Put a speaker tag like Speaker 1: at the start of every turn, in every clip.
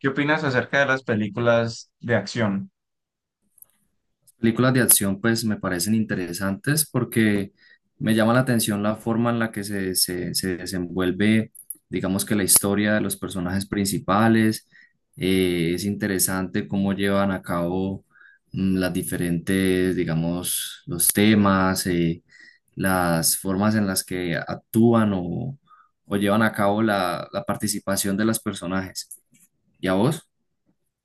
Speaker 1: ¿Qué opinas acerca de las películas de acción?
Speaker 2: Películas de acción pues me parecen interesantes porque me llama la atención la forma en la que se desenvuelve, digamos que la historia de los personajes principales. Es interesante cómo llevan a cabo las diferentes, digamos, los temas, las formas en las que actúan o llevan a cabo la participación de los personajes. ¿Y a vos?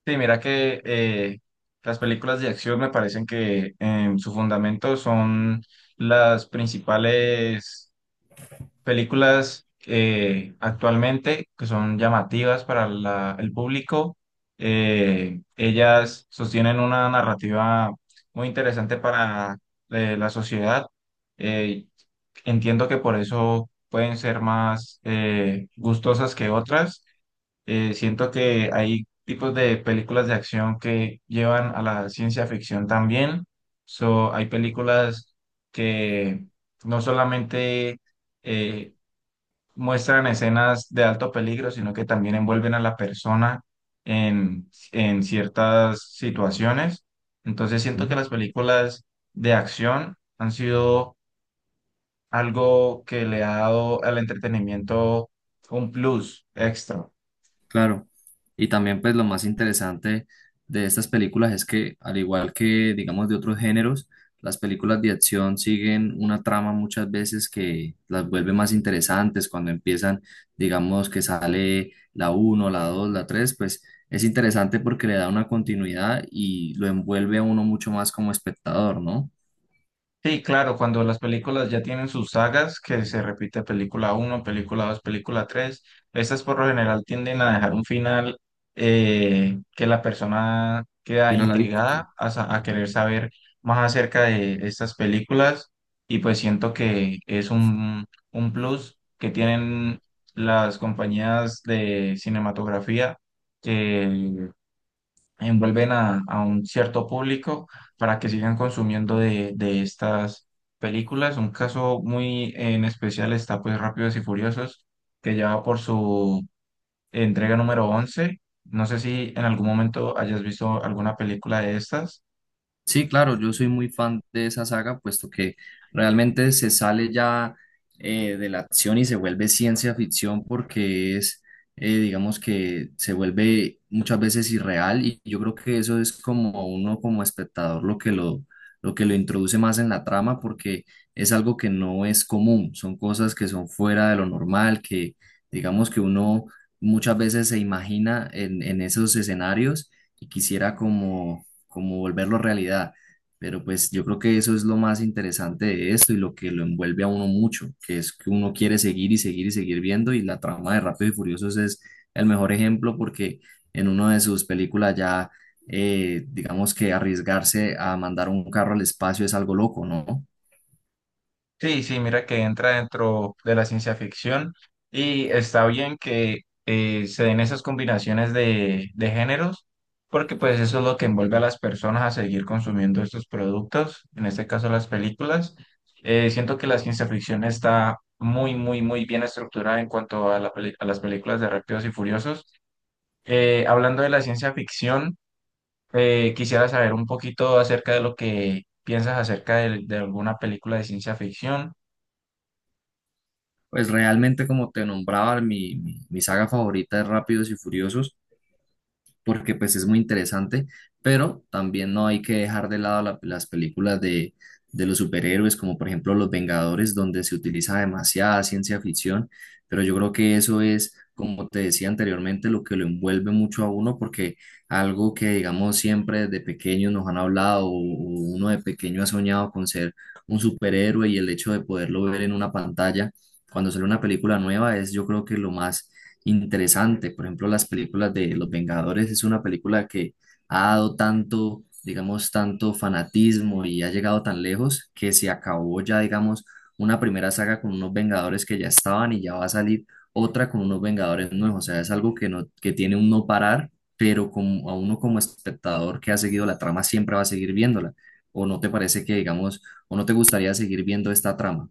Speaker 1: Sí, mira que las películas de acción me parecen que en su fundamento son las principales películas actualmente que son llamativas para el público. Ellas sostienen una narrativa muy interesante para la sociedad. Eh, Entiendo que por eso pueden ser más gustosas que otras. Siento que hay tipos de películas de acción que llevan a la ciencia ficción también. So, hay películas que no solamente eh, muestran escenas de alto peligro, sino que también envuelven a la persona en ciertas situaciones. Entonces, siento que las películas de acción han sido algo que le ha dado al entretenimiento un plus extra.
Speaker 2: Claro, y también pues lo más interesante de estas películas es que, al igual que digamos de otros géneros, las películas de acción siguen una trama muchas veces que las vuelve más interesantes cuando empiezan. Digamos que sale la uno, la 2, la 3, pues es interesante porque le da una continuidad y lo envuelve a uno mucho más como espectador, ¿no?
Speaker 1: Sí, claro, cuando las películas ya tienen sus sagas, que se repite película uno, película 2, película 3, estas por lo general tienden a dejar un final que la persona queda
Speaker 2: ¿Qué opinas, David?
Speaker 1: intrigada a querer
Speaker 2: Ujú.
Speaker 1: saber más acerca de estas películas, y pues siento que es un plus que tienen las compañías de cinematografía, envuelven a un cierto público para que sigan consumiendo de estas películas. Un caso muy en especial está pues Rápidos y Furiosos, que ya va por su entrega número 11. No sé si en algún momento hayas visto alguna película de estas.
Speaker 2: Sí, claro, yo soy muy fan de esa saga, puesto que realmente se sale ya de la acción y se vuelve ciencia ficción porque es, digamos que se vuelve muchas veces irreal, y yo creo que eso es como uno como espectador lo que lo introduce más en la trama, porque es algo que no es común, son cosas que son fuera de lo normal, que digamos que uno muchas veces se imagina en, esos escenarios y quisiera como volverlo realidad. Pero pues yo creo que eso es lo más interesante de esto y lo que lo envuelve a uno mucho, que es que uno quiere seguir y seguir y seguir viendo, y la trama de Rápido y Furiosos es el mejor ejemplo porque en una de sus películas ya, digamos, que arriesgarse a mandar un carro al espacio es algo loco, ¿no?
Speaker 1: Sí, sí, mira que entra dentro de la ciencia ficción y está bien que se den esas combinaciones de géneros, porque pues eso es lo que envuelve a las personas a seguir consumiendo estos productos, en este caso las películas. Siento que la ciencia ficción está muy, muy, muy bien estructurada en cuanto a, a las películas de Rápidos y Furiosos. Hablando de la ciencia ficción, quisiera saber un poquito acerca de lo que piensas acerca de alguna película de ciencia ficción.
Speaker 2: Pues realmente, como te nombraba, mi saga favorita es Rápidos y Furiosos, porque pues es muy interesante, pero también no hay que dejar de lado las películas de, los superhéroes, como por ejemplo Los Vengadores, donde se utiliza demasiada ciencia ficción. Pero yo creo que eso es, como te decía anteriormente, lo que lo envuelve mucho a uno, porque algo que digamos siempre desde pequeño nos han hablado, o uno de pequeño ha soñado con ser un superhéroe, y el hecho de poderlo ver en una pantalla cuando sale una película nueva es, yo creo, que lo más interesante. Por ejemplo, las películas de Los Vengadores es una película que ha dado tanto, digamos, tanto fanatismo y ha llegado tan lejos, que se acabó ya, digamos, una primera saga con unos Vengadores que ya estaban, y ya va a salir otra con unos Vengadores nuevos. O sea, es algo que no, que tiene un no parar, pero como a uno como espectador que ha seguido la trama, siempre va a seguir viéndola. ¿O no te parece que, digamos, o no te gustaría seguir viendo esta trama?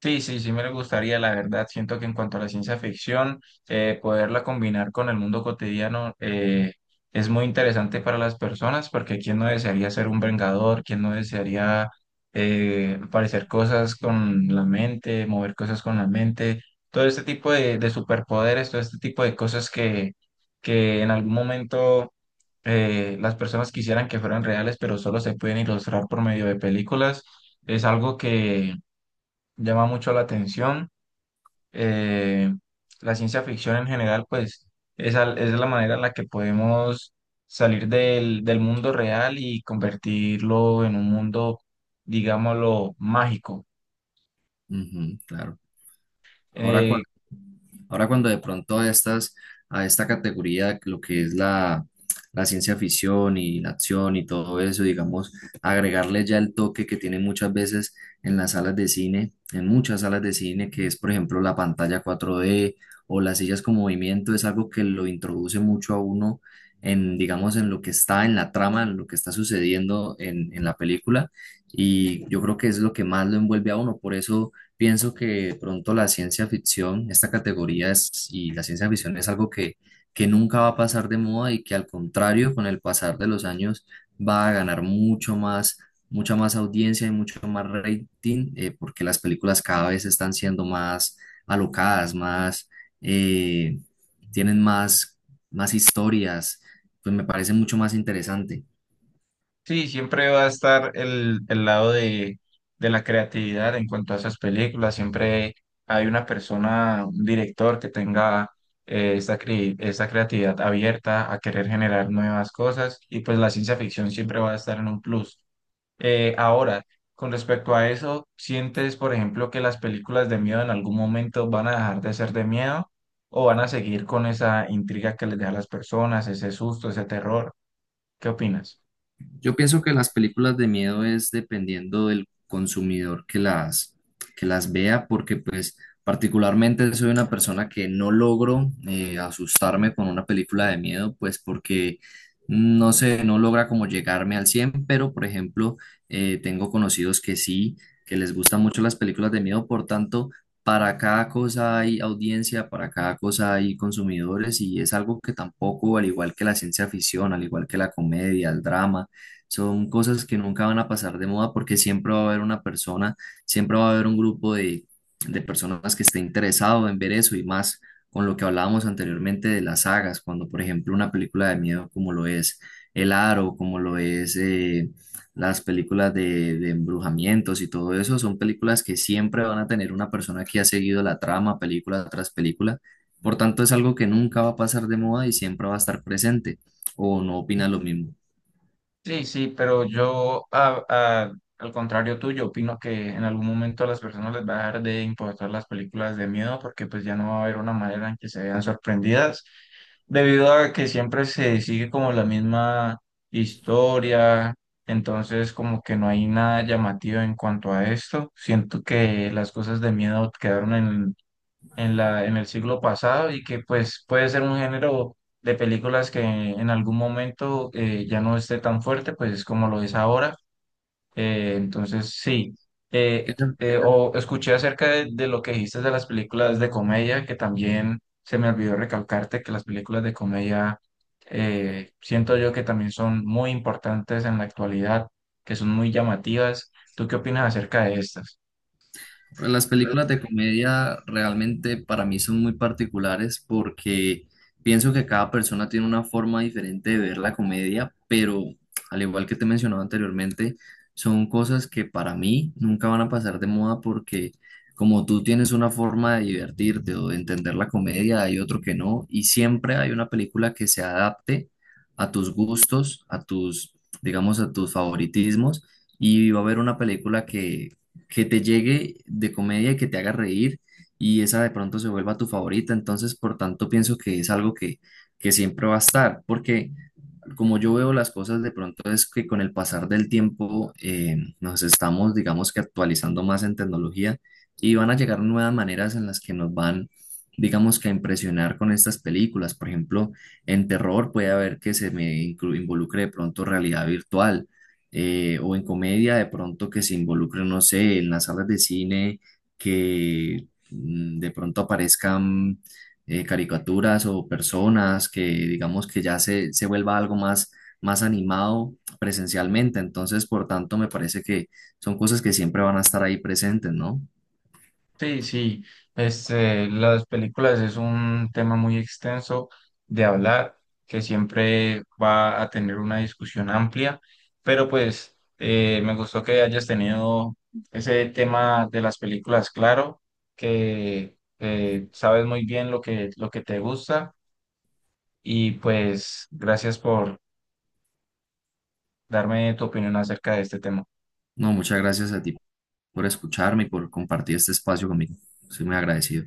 Speaker 1: Sí, sí, sí me gustaría, la verdad. Siento que en cuanto a la ciencia ficción, poderla combinar con el mundo cotidiano es muy interesante para las personas, porque quién no desearía ser un vengador, quién no desearía parecer cosas con la mente, mover cosas con la mente, todo este tipo de superpoderes, todo este tipo de cosas que en algún momento las personas quisieran que fueran reales, pero solo se pueden ilustrar por medio de películas. Es algo que llama mucho la atención. Eh, la ciencia ficción en general, pues, es, es la manera en la que podemos salir del mundo real y convertirlo en un mundo, digámoslo, mágico.
Speaker 2: Ujú, claro. Ahora,
Speaker 1: Eh,
Speaker 2: cuando, Ahora cuando de pronto a a esta categoría, lo que es la, ciencia ficción y la acción y todo eso, digamos, agregarle ya el toque que tiene muchas veces en las salas de cine, en muchas salas de cine, que es, por ejemplo, la pantalla 4D o las sillas con movimiento, es algo que lo introduce mucho a uno en, digamos, en lo que está en la trama, en lo que está sucediendo en, la película. Y yo creo que es lo que más lo envuelve a uno. Por eso pienso que, de pronto, la ciencia ficción, esta categoría es, y la ciencia ficción es algo que nunca va a pasar de moda y que, al contrario, con el pasar de los años, va a ganar mucho más, mucha más audiencia y mucho más rating, porque las películas cada vez están siendo más alocadas, más, eh, tienen más, historias, pues me parece mucho más interesante.
Speaker 1: Sí, siempre va a estar el lado de la creatividad en cuanto a esas películas. Siempre hay una persona, un director que tenga esta, esta creatividad abierta a querer generar nuevas cosas, y pues la ciencia ficción siempre va a estar en un plus. Ahora, con respecto a eso, ¿sientes, por ejemplo, que las películas de miedo en algún momento van a dejar de ser de miedo, o van a seguir con esa intriga que les deja a las personas, ese susto, ese terror? ¿Qué opinas?
Speaker 2: Yo pienso que las películas de miedo es dependiendo del consumidor que las vea, porque pues particularmente soy una persona que no logro asustarme con una película de miedo, pues porque no sé, no logra como llegarme al cien. Pero, por ejemplo, tengo conocidos que sí, que les gustan mucho las películas de miedo. Por tanto, para cada cosa hay audiencia, para cada cosa hay consumidores, y es algo que tampoco, al igual que la ciencia ficción, al igual que la comedia, el drama, son cosas que nunca van a pasar de moda, porque siempre va a haber una persona, siempre va a haber un grupo de, personas que esté interesado en ver eso. Y más con lo que hablábamos anteriormente de las sagas, cuando, por ejemplo, una película de miedo como lo es El Aro, como lo es, las películas de, embrujamientos y todo eso, son películas que siempre van a tener una persona que ha seguido la trama película tras película. Por tanto, es algo que nunca va a pasar de moda y siempre va a estar presente, o no opinas lo mismo.
Speaker 1: Sí, sí, pero yo, al contrario tuyo, opino que en algún momento a las personas les va a dejar de importar las películas de miedo, porque pues ya no va a haber una manera en que se vean sorprendidas, debido a que siempre se sigue como la misma historia, entonces como que no hay nada llamativo en cuanto a esto. Siento que las cosas de miedo quedaron en en el siglo pasado, y que pues puede ser un género de películas que en algún momento ya no esté tan fuerte, pues es como lo es ahora. Entonces, sí. O escuché acerca de lo que dijiste de las películas de comedia, que también se me olvidó recalcarte que las películas de comedia siento yo que también son muy importantes en la actualidad, que son muy llamativas. ¿Tú qué opinas acerca de estas?
Speaker 2: Pues las películas de comedia realmente para mí son muy particulares, porque pienso que cada persona tiene una forma diferente de ver la comedia, pero, al igual que te mencionaba anteriormente, son cosas que para mí nunca van a pasar de moda, porque como tú tienes una forma de divertirte o de entender la comedia, hay otro que no, y siempre hay una película que se adapte a tus gustos, a tus, digamos, a tus favoritismos, y va a haber una película que te llegue de comedia, que te haga reír, y esa de pronto se vuelva tu favorita. Entonces, por tanto, pienso que es algo que siempre va a estar, porque como yo veo las cosas de pronto, es que con el pasar del tiempo nos estamos, digamos, que actualizando más en tecnología, y van a llegar nuevas maneras en las que nos van, digamos, que a impresionar con estas películas. Por ejemplo, en terror puede haber que se me involucre de pronto realidad virtual, o en comedia de pronto que se involucre, no sé, en las salas de cine que de pronto aparezcan caricaturas o personas, que digamos que ya se vuelva algo más, animado presencialmente. Entonces, por tanto, me parece que son cosas que siempre van a estar ahí presentes, ¿no?
Speaker 1: Sí, sí, este, las películas es un tema muy extenso de hablar, que siempre va a tener una discusión amplia, pero pues me gustó que hayas tenido ese tema de las películas, claro, que sabes muy bien lo que te gusta, y pues gracias por darme tu opinión acerca de este tema.
Speaker 2: No, muchas gracias a ti por escucharme y por compartir este espacio conmigo. Soy muy agradecido.